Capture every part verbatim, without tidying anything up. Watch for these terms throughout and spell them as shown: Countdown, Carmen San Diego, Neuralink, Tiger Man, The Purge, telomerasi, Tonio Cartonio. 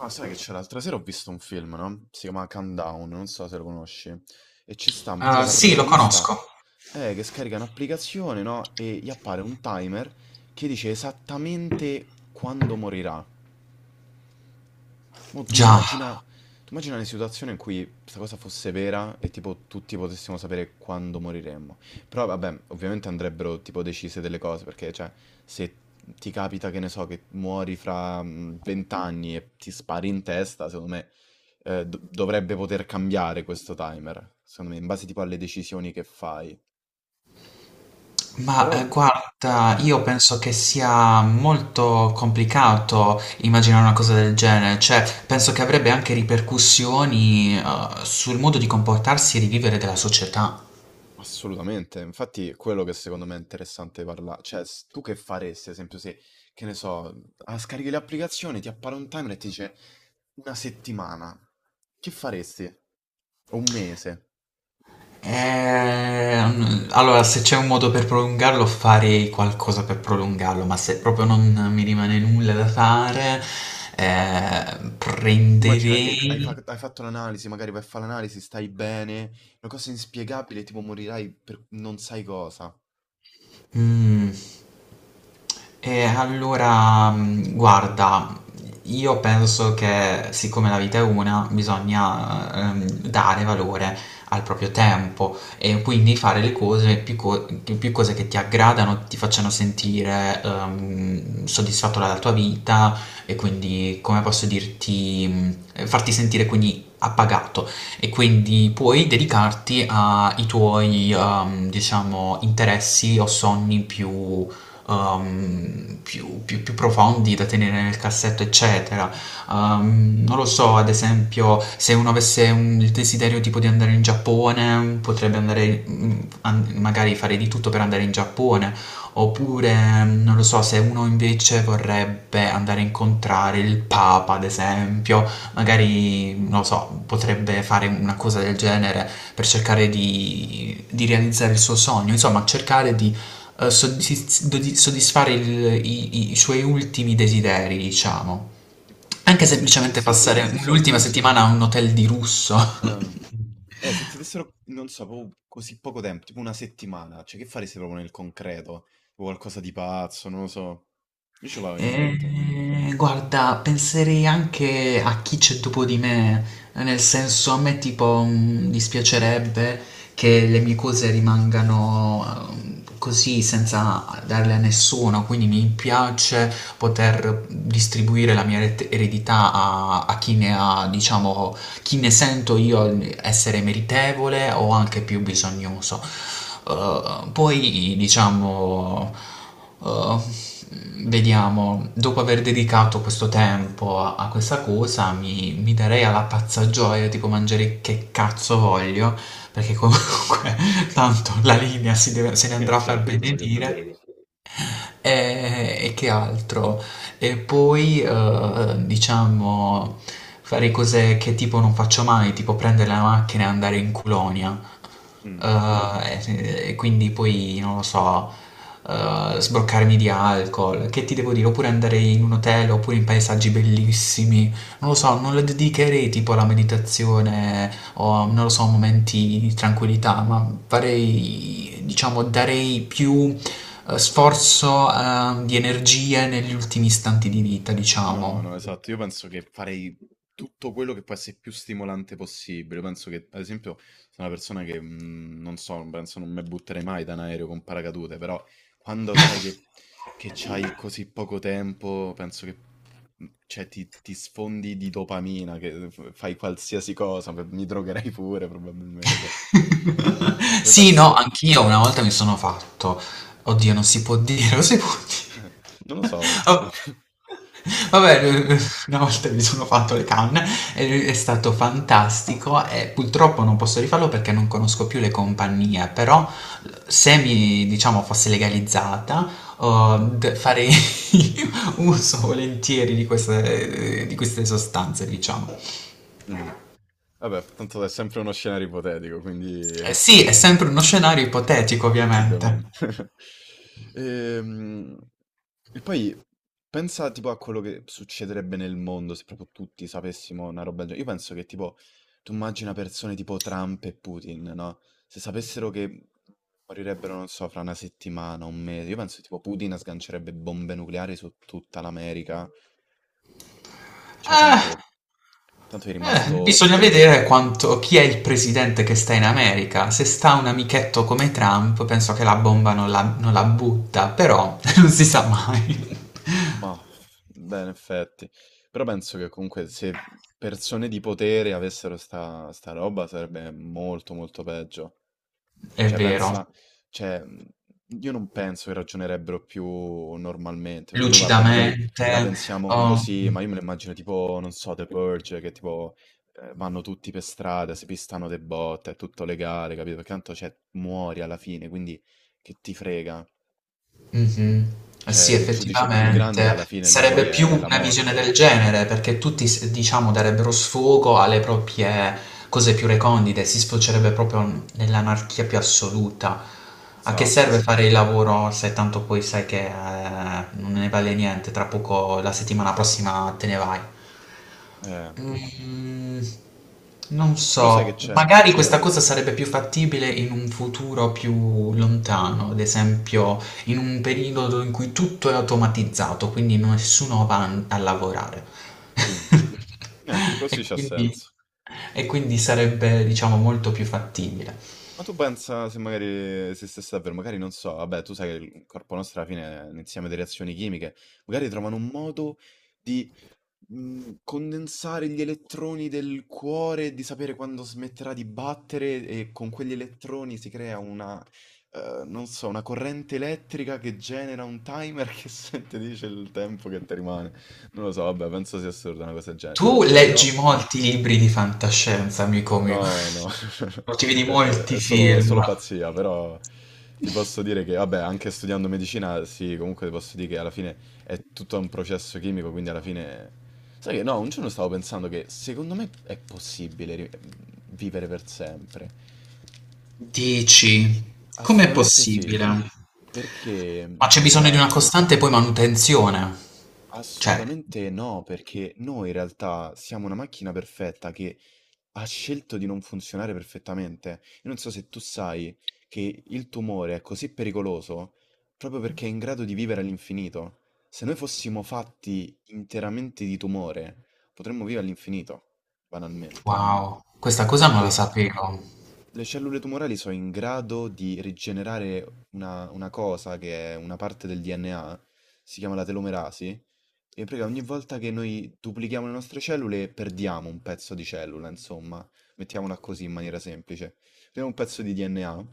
Ah, sai che c'è l'altra sera ho visto un film, no? Si chiama Countdown, non so se lo conosci. E ci sta, un prega Ah, la sì, lo protagonista conosco. è che scarica un'applicazione, no? E gli appare un timer che dice esattamente quando morirà. Mo tu Già, immagina, tu immagina le situazioni in cui questa cosa fosse vera e tipo tutti potessimo sapere quando moriremmo. Però vabbè, ovviamente andrebbero tipo decise delle cose, perché cioè se ti capita che ne so che muori fra mm, vent'anni e ti spari in testa, secondo me eh, do- dovrebbe poter cambiare questo timer, secondo me, in base tipo alle decisioni che fai. ma Però. eh, guarda, Mm. io penso che sia molto complicato immaginare una cosa del genere, cioè penso che avrebbe anche ripercussioni eh, sul modo di comportarsi e di vivere della società. Assolutamente, infatti è quello che secondo me è interessante parlare, cioè s- tu che faresti, ad esempio, se, che ne so, ah, scarichi le applicazioni, ti appare un timer e ti dice una settimana, che faresti? O un mese? Ehm, allora, se c'è un modo per prolungarlo, farei qualcosa per prolungarlo, ma se proprio non mi rimane nulla da fare, eh, Tu immagina che hai, prenderei... fa- hai fatto l'analisi, magari vai a fare l'analisi, stai bene, una cosa inspiegabile, tipo morirai per non sai cosa. Mm. E allora, mm, guarda, io penso che siccome la vita è una, bisogna ehm, dare valore al proprio tempo e quindi fare le cose, più, co- più cose che ti aggradano, ti facciano sentire ehm, soddisfatto dalla tua vita e quindi, come posso dirti, mm, farti sentire quindi appagato e quindi puoi dedicarti ai tuoi, ehm, diciamo, interessi o sogni più, ehm, più, più- più profondi da tenere nel cassetto, eccetera. Ehm, non lo so, ad esempio, se uno avesse un- il desiderio tipo di andare in Giappone, potrebbe andare, mm, an- magari fare di tutto per andare in Giappone. Oppure, non lo so, se uno invece vorrebbe andare a incontrare il Papa, ad esempio, magari, non lo so, potrebbe fare una cosa del genere per cercare di, di realizzare il suo sogno, insomma, cercare di eh, soddisf- di soddisfare il- i, i- i suoi ultimi desideri, diciamo. Anche E se ti semplicemente dessero, non passare so, l'ultima settimana a un hotel di lusso. eh, se ti dessero, non so, proprio così poco tempo, tipo una settimana, cioè che faresti proprio nel concreto? O qualcosa di pazzo, non lo so. Io ce l'avevo in mente. Eh, guarda, penserei anche a chi c'è dopo di me, nel senso a me tipo mm, dispiacerebbe che le mie cose rimangano ehm, così senza darle a nessuno, quindi mi piace poter distribuire la mia eret- eredità a, a chi ne ha, diciamo, chi ne sento io essere meritevole o anche più bisognoso. Eh, poi, diciamo... Uh, vediamo, dopo aver dedicato questo tempo a, a questa cosa, mi, mi darei alla pazza gioia, tipo mangiare che cazzo voglio, perché comunque tanto la linea si deve- se ne Eh andrà a far certo, quello che te benedire. frega. E, e che altro? E poi, eh, diciamo, fare cose che tipo non faccio mai, tipo prendere la macchina e andare in colonia. Mm. Eh, e, e quindi poi, non lo so, eh, sbroccarmi di alcol, che ti devo dire? Oppure andare in un hotel, oppure in paesaggi bellissimi. Non lo so, non le dedicherei tipo alla meditazione o, non lo so, momenti di tranquillità, ma farei, diciamo, darei più eh, sforzo, ehm, di energie negli ultimi istanti di vita, No, diciamo. no, esatto. Io penso che farei tutto quello che può essere più stimolante possibile. Penso che, ad esempio, sono una persona che mm, non so, penso non mi butterei mai da un aereo con paracadute, però quando sai che, che c'hai così poco tempo, penso che mm, cioè, ti, ti sfondi di dopamina, che f- fai qualsiasi cosa, beh, mi drogherei pure probabilmente. Cioè, io Sì, no, penso. anch'io una volta mi sono fatto. Oddio, non si può dire, lo si può dire. Non lo so. Oh. Vabbè, eh, una volta mi sono fatto le canne, e è stato fantastico e purtroppo non posso rifarlo perché non conosco più le compagnie, però se mi, diciamo, fosse legalizzata, oh, d- farei uso volentieri di queste, di queste sostanze, diciamo. Mm. Vabbè, tanto è sempre uno scenario ipotetico, quindi Eh, eh, sì, è sempre uno scenario ipotetico, ovviamente. ovviamente. Ehm, E poi pensa tipo a quello che succederebbe nel mondo se proprio tutti sapessimo una roba del genere. Io penso che tipo, tu immagina persone tipo Trump e Putin, no? Se sapessero che morirebbero, non so, fra una settimana, un mese, io penso che tipo Putin sgancerebbe bombe nucleari su tutta l'America. Cioè, Eh, tanto, tanto è Eh, rimasto. bisogna vedere quanto, chi è il presidente che sta in America. Se sta un amichetto come Trump, penso che la bomba non la, non la butta, però non si sa mai. Mah, beh, in effetti. Però penso che comunque se persone di potere avessero sta, sta roba sarebbe molto molto peggio. È Cioè, vero, pensa, cioè, mhmm, io non penso che ragionerebbero più normalmente, perché noi vabbè, magari lucidamente. la pensiamo Oh. così, ma io me lo immagino tipo, non so, The Purge, che tipo eh, vanno tutti per strada, si pistano de botte, è tutto legale, capito? Perché tanto, cioè, muori alla fine, quindi che ti frega? Mh-mh. Eh Cioè, sì, il quindi giudice più grande alla effettivamente fine lì poi sarebbe più è è la una visione del morte. genere, perché tutti s diciamo darebbero sfogo alle proprie cose più recondite, si sfocerebbe proprio n nell'anarchia più assoluta. A che serve Esatto. fare il lavoro se tanto poi sai che, ehm, non ne vale niente, tra poco la settimana prossima te ne vai? Eh. Mhmm, non Però sai che so, c'è? mhmm, magari questa cosa sarebbe più fattibile in un futuro più lontano, ad esempio in un periodo in cui tutto è automatizzato, quindi nessuno va n- a lavorare. Mm. Eh, così E c'ha quindi, senso. e quindi sarebbe, diciamo, molto più fattibile. Ma tu pensa se magari se stesse davvero, magari non so, vabbè, tu sai che il corpo nostro alla fine è un insieme di reazioni chimiche, magari trovano un modo mh, condensare gli elettroni del cuore, di sapere quando smetterà di battere e con quegli elettroni si crea una, eh, non so, una corrente elettrica che genera un timer che se- ti dice il tempo che ti rimane. Non lo so, vabbè, penso sia assurda una cosa del genere. Tu Però. leggi molti libri di fantascienza, amico mio, No, no, o ti vedi è molti è solo è film. solo pazzia, però ti posso dire che, vabbè, anche studiando medicina, sì, comunque ti posso dire che alla fine è tutto un processo chimico, quindi alla fine. Sai che no, un giorno stavo pensando che secondo me è possibile ri- vivere per sempre. Dici, com'è Assolutamente sì, possibile? Ma perché, c'è bisogno di una guarda, costante poi manutenzione. Cioè, assolutamente no, perché noi in realtà siamo una macchina perfetta che ha scelto di non funzionare perfettamente. Io non so se tu sai che il tumore è così pericoloso proprio perché è in grado di vivere all'infinito. Se noi fossimo fatti interamente di tumore, potremmo vivere all'infinito, banalmente. wow, questa cosa non la Perché sapevo. le cellule tumorali sono in grado di rigenerare una, una cosa che è una parte del D N A, si chiama la telomerasi, e prega, ogni volta che noi duplichiamo le nostre cellule perdiamo un pezzo di cellula, insomma, mettiamola così in maniera semplice. Prendiamo un pezzo di D N A,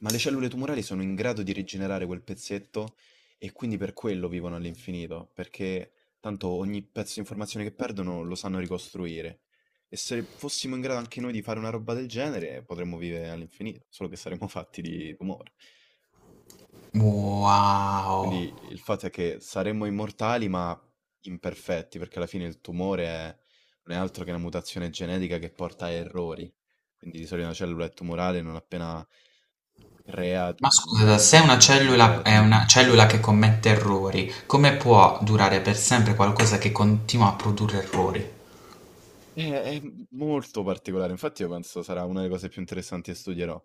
ma le cellule tumorali sono in grado di rigenerare quel pezzetto e quindi per quello vivono all'infinito, perché tanto ogni pezzo di informazione che perdono lo sanno ricostruire. E se fossimo in grado anche noi di fare una roba del genere, potremmo vivere all'infinito, solo che saremmo fatti di tumore. Wow. Quindi il fatto è che saremmo immortali ma imperfetti, perché alla fine il tumore è- non è altro che una mutazione genetica che porta a errori. Quindi di solito una cellula è tumorale non appena crea Ma scusa, mm, se una tutti i cellula è difetti. una cellula che commette errori, come può durare per sempre qualcosa che continua a produrre errori? È, è molto particolare, infatti io penso sarà una delle cose più interessanti che studierò.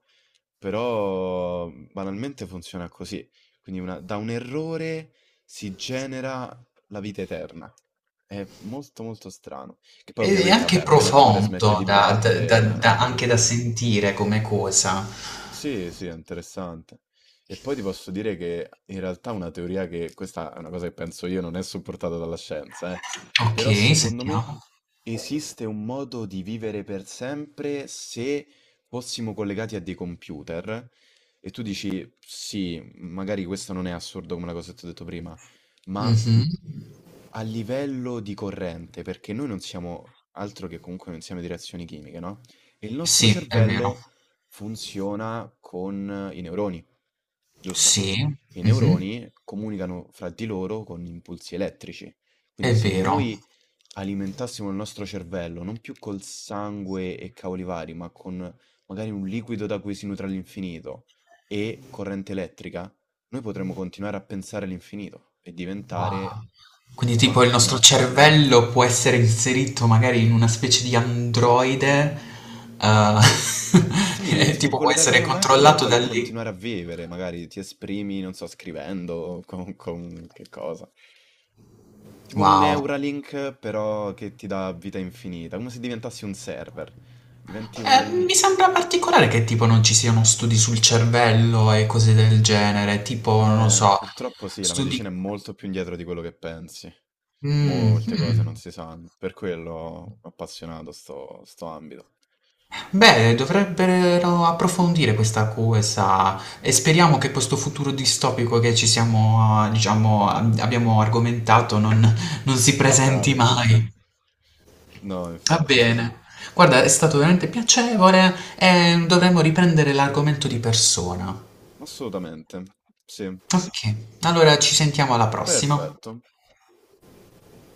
Però mhmm, banalmente funziona così. Quindi una- da un errore si genera la vita eterna. È molto molto strano. Che poi Ed è ovviamente, vabbè, anche appena il cuore smette profondo di da, da- battere, da- eh, da- anche da ovviamente sentire come cosa. sì, sì, è interessante. E poi ti posso dire che in realtà una teoria che, questa è una cosa che penso io, non è supportata dalla scienza, eh. Ok, Però secondo me sentiamo. esiste un modo di vivere per sempre se fossimo collegati a dei computer. E tu dici, sì, magari questo non è assurdo come la cosa che ti ho detto prima, ma Mhm. a livello di corrente, perché noi non siamo altro che comunque un insieme di reazioni chimiche, no? E il nostro Sì, è vero. cervello funziona con i neuroni, giusto? Sì, I mhm, neuroni comunicano fra di loro con impulsi elettrici. Quindi è se vero. noi alimentassimo il nostro cervello, non più col sangue e cavoli vari, ma con magari un liquido da cui si nutre all'infinito e corrente elettrica, noi potremmo continuare a pensare all'infinito e Wow. diventare Quindi una tipo il nostro macchina. cervello può essere inserito magari in una specie di androide, eh, Sì, e tipo tipo può collegato a essere una macchina e controllato da poi lì. continuare a vivere, magari ti esprimi, non so, scrivendo, o con, con che cosa. Tipo un Wow. Neuralink, però che ti dà vita infinita, come se diventassi un server. Diventi Eh, un. mi sembra particolare che tipo non ci siano studi sul cervello e cose del genere, tipo, non lo Eh, so, purtroppo sì, la studi... medicina è molto più indietro di quello che pensi. Mm, Molte cose non mm. si sanno, per quello ho appassionato sto, sto ambito. Beh, dovrebbero approfondire questa cosa e speriamo che questo futuro distopico che ci siamo, eh, diciamo, ab- abbiamo argomentato non, non si presenti Accade, sì, sì. mai. No, Va infatti. bene. Guarda, è stato veramente piacevole e dovremmo riprendere l'argomento di persona. Assolutamente, sì, Ok, allora ci sentiamo alla prossima. perfetto.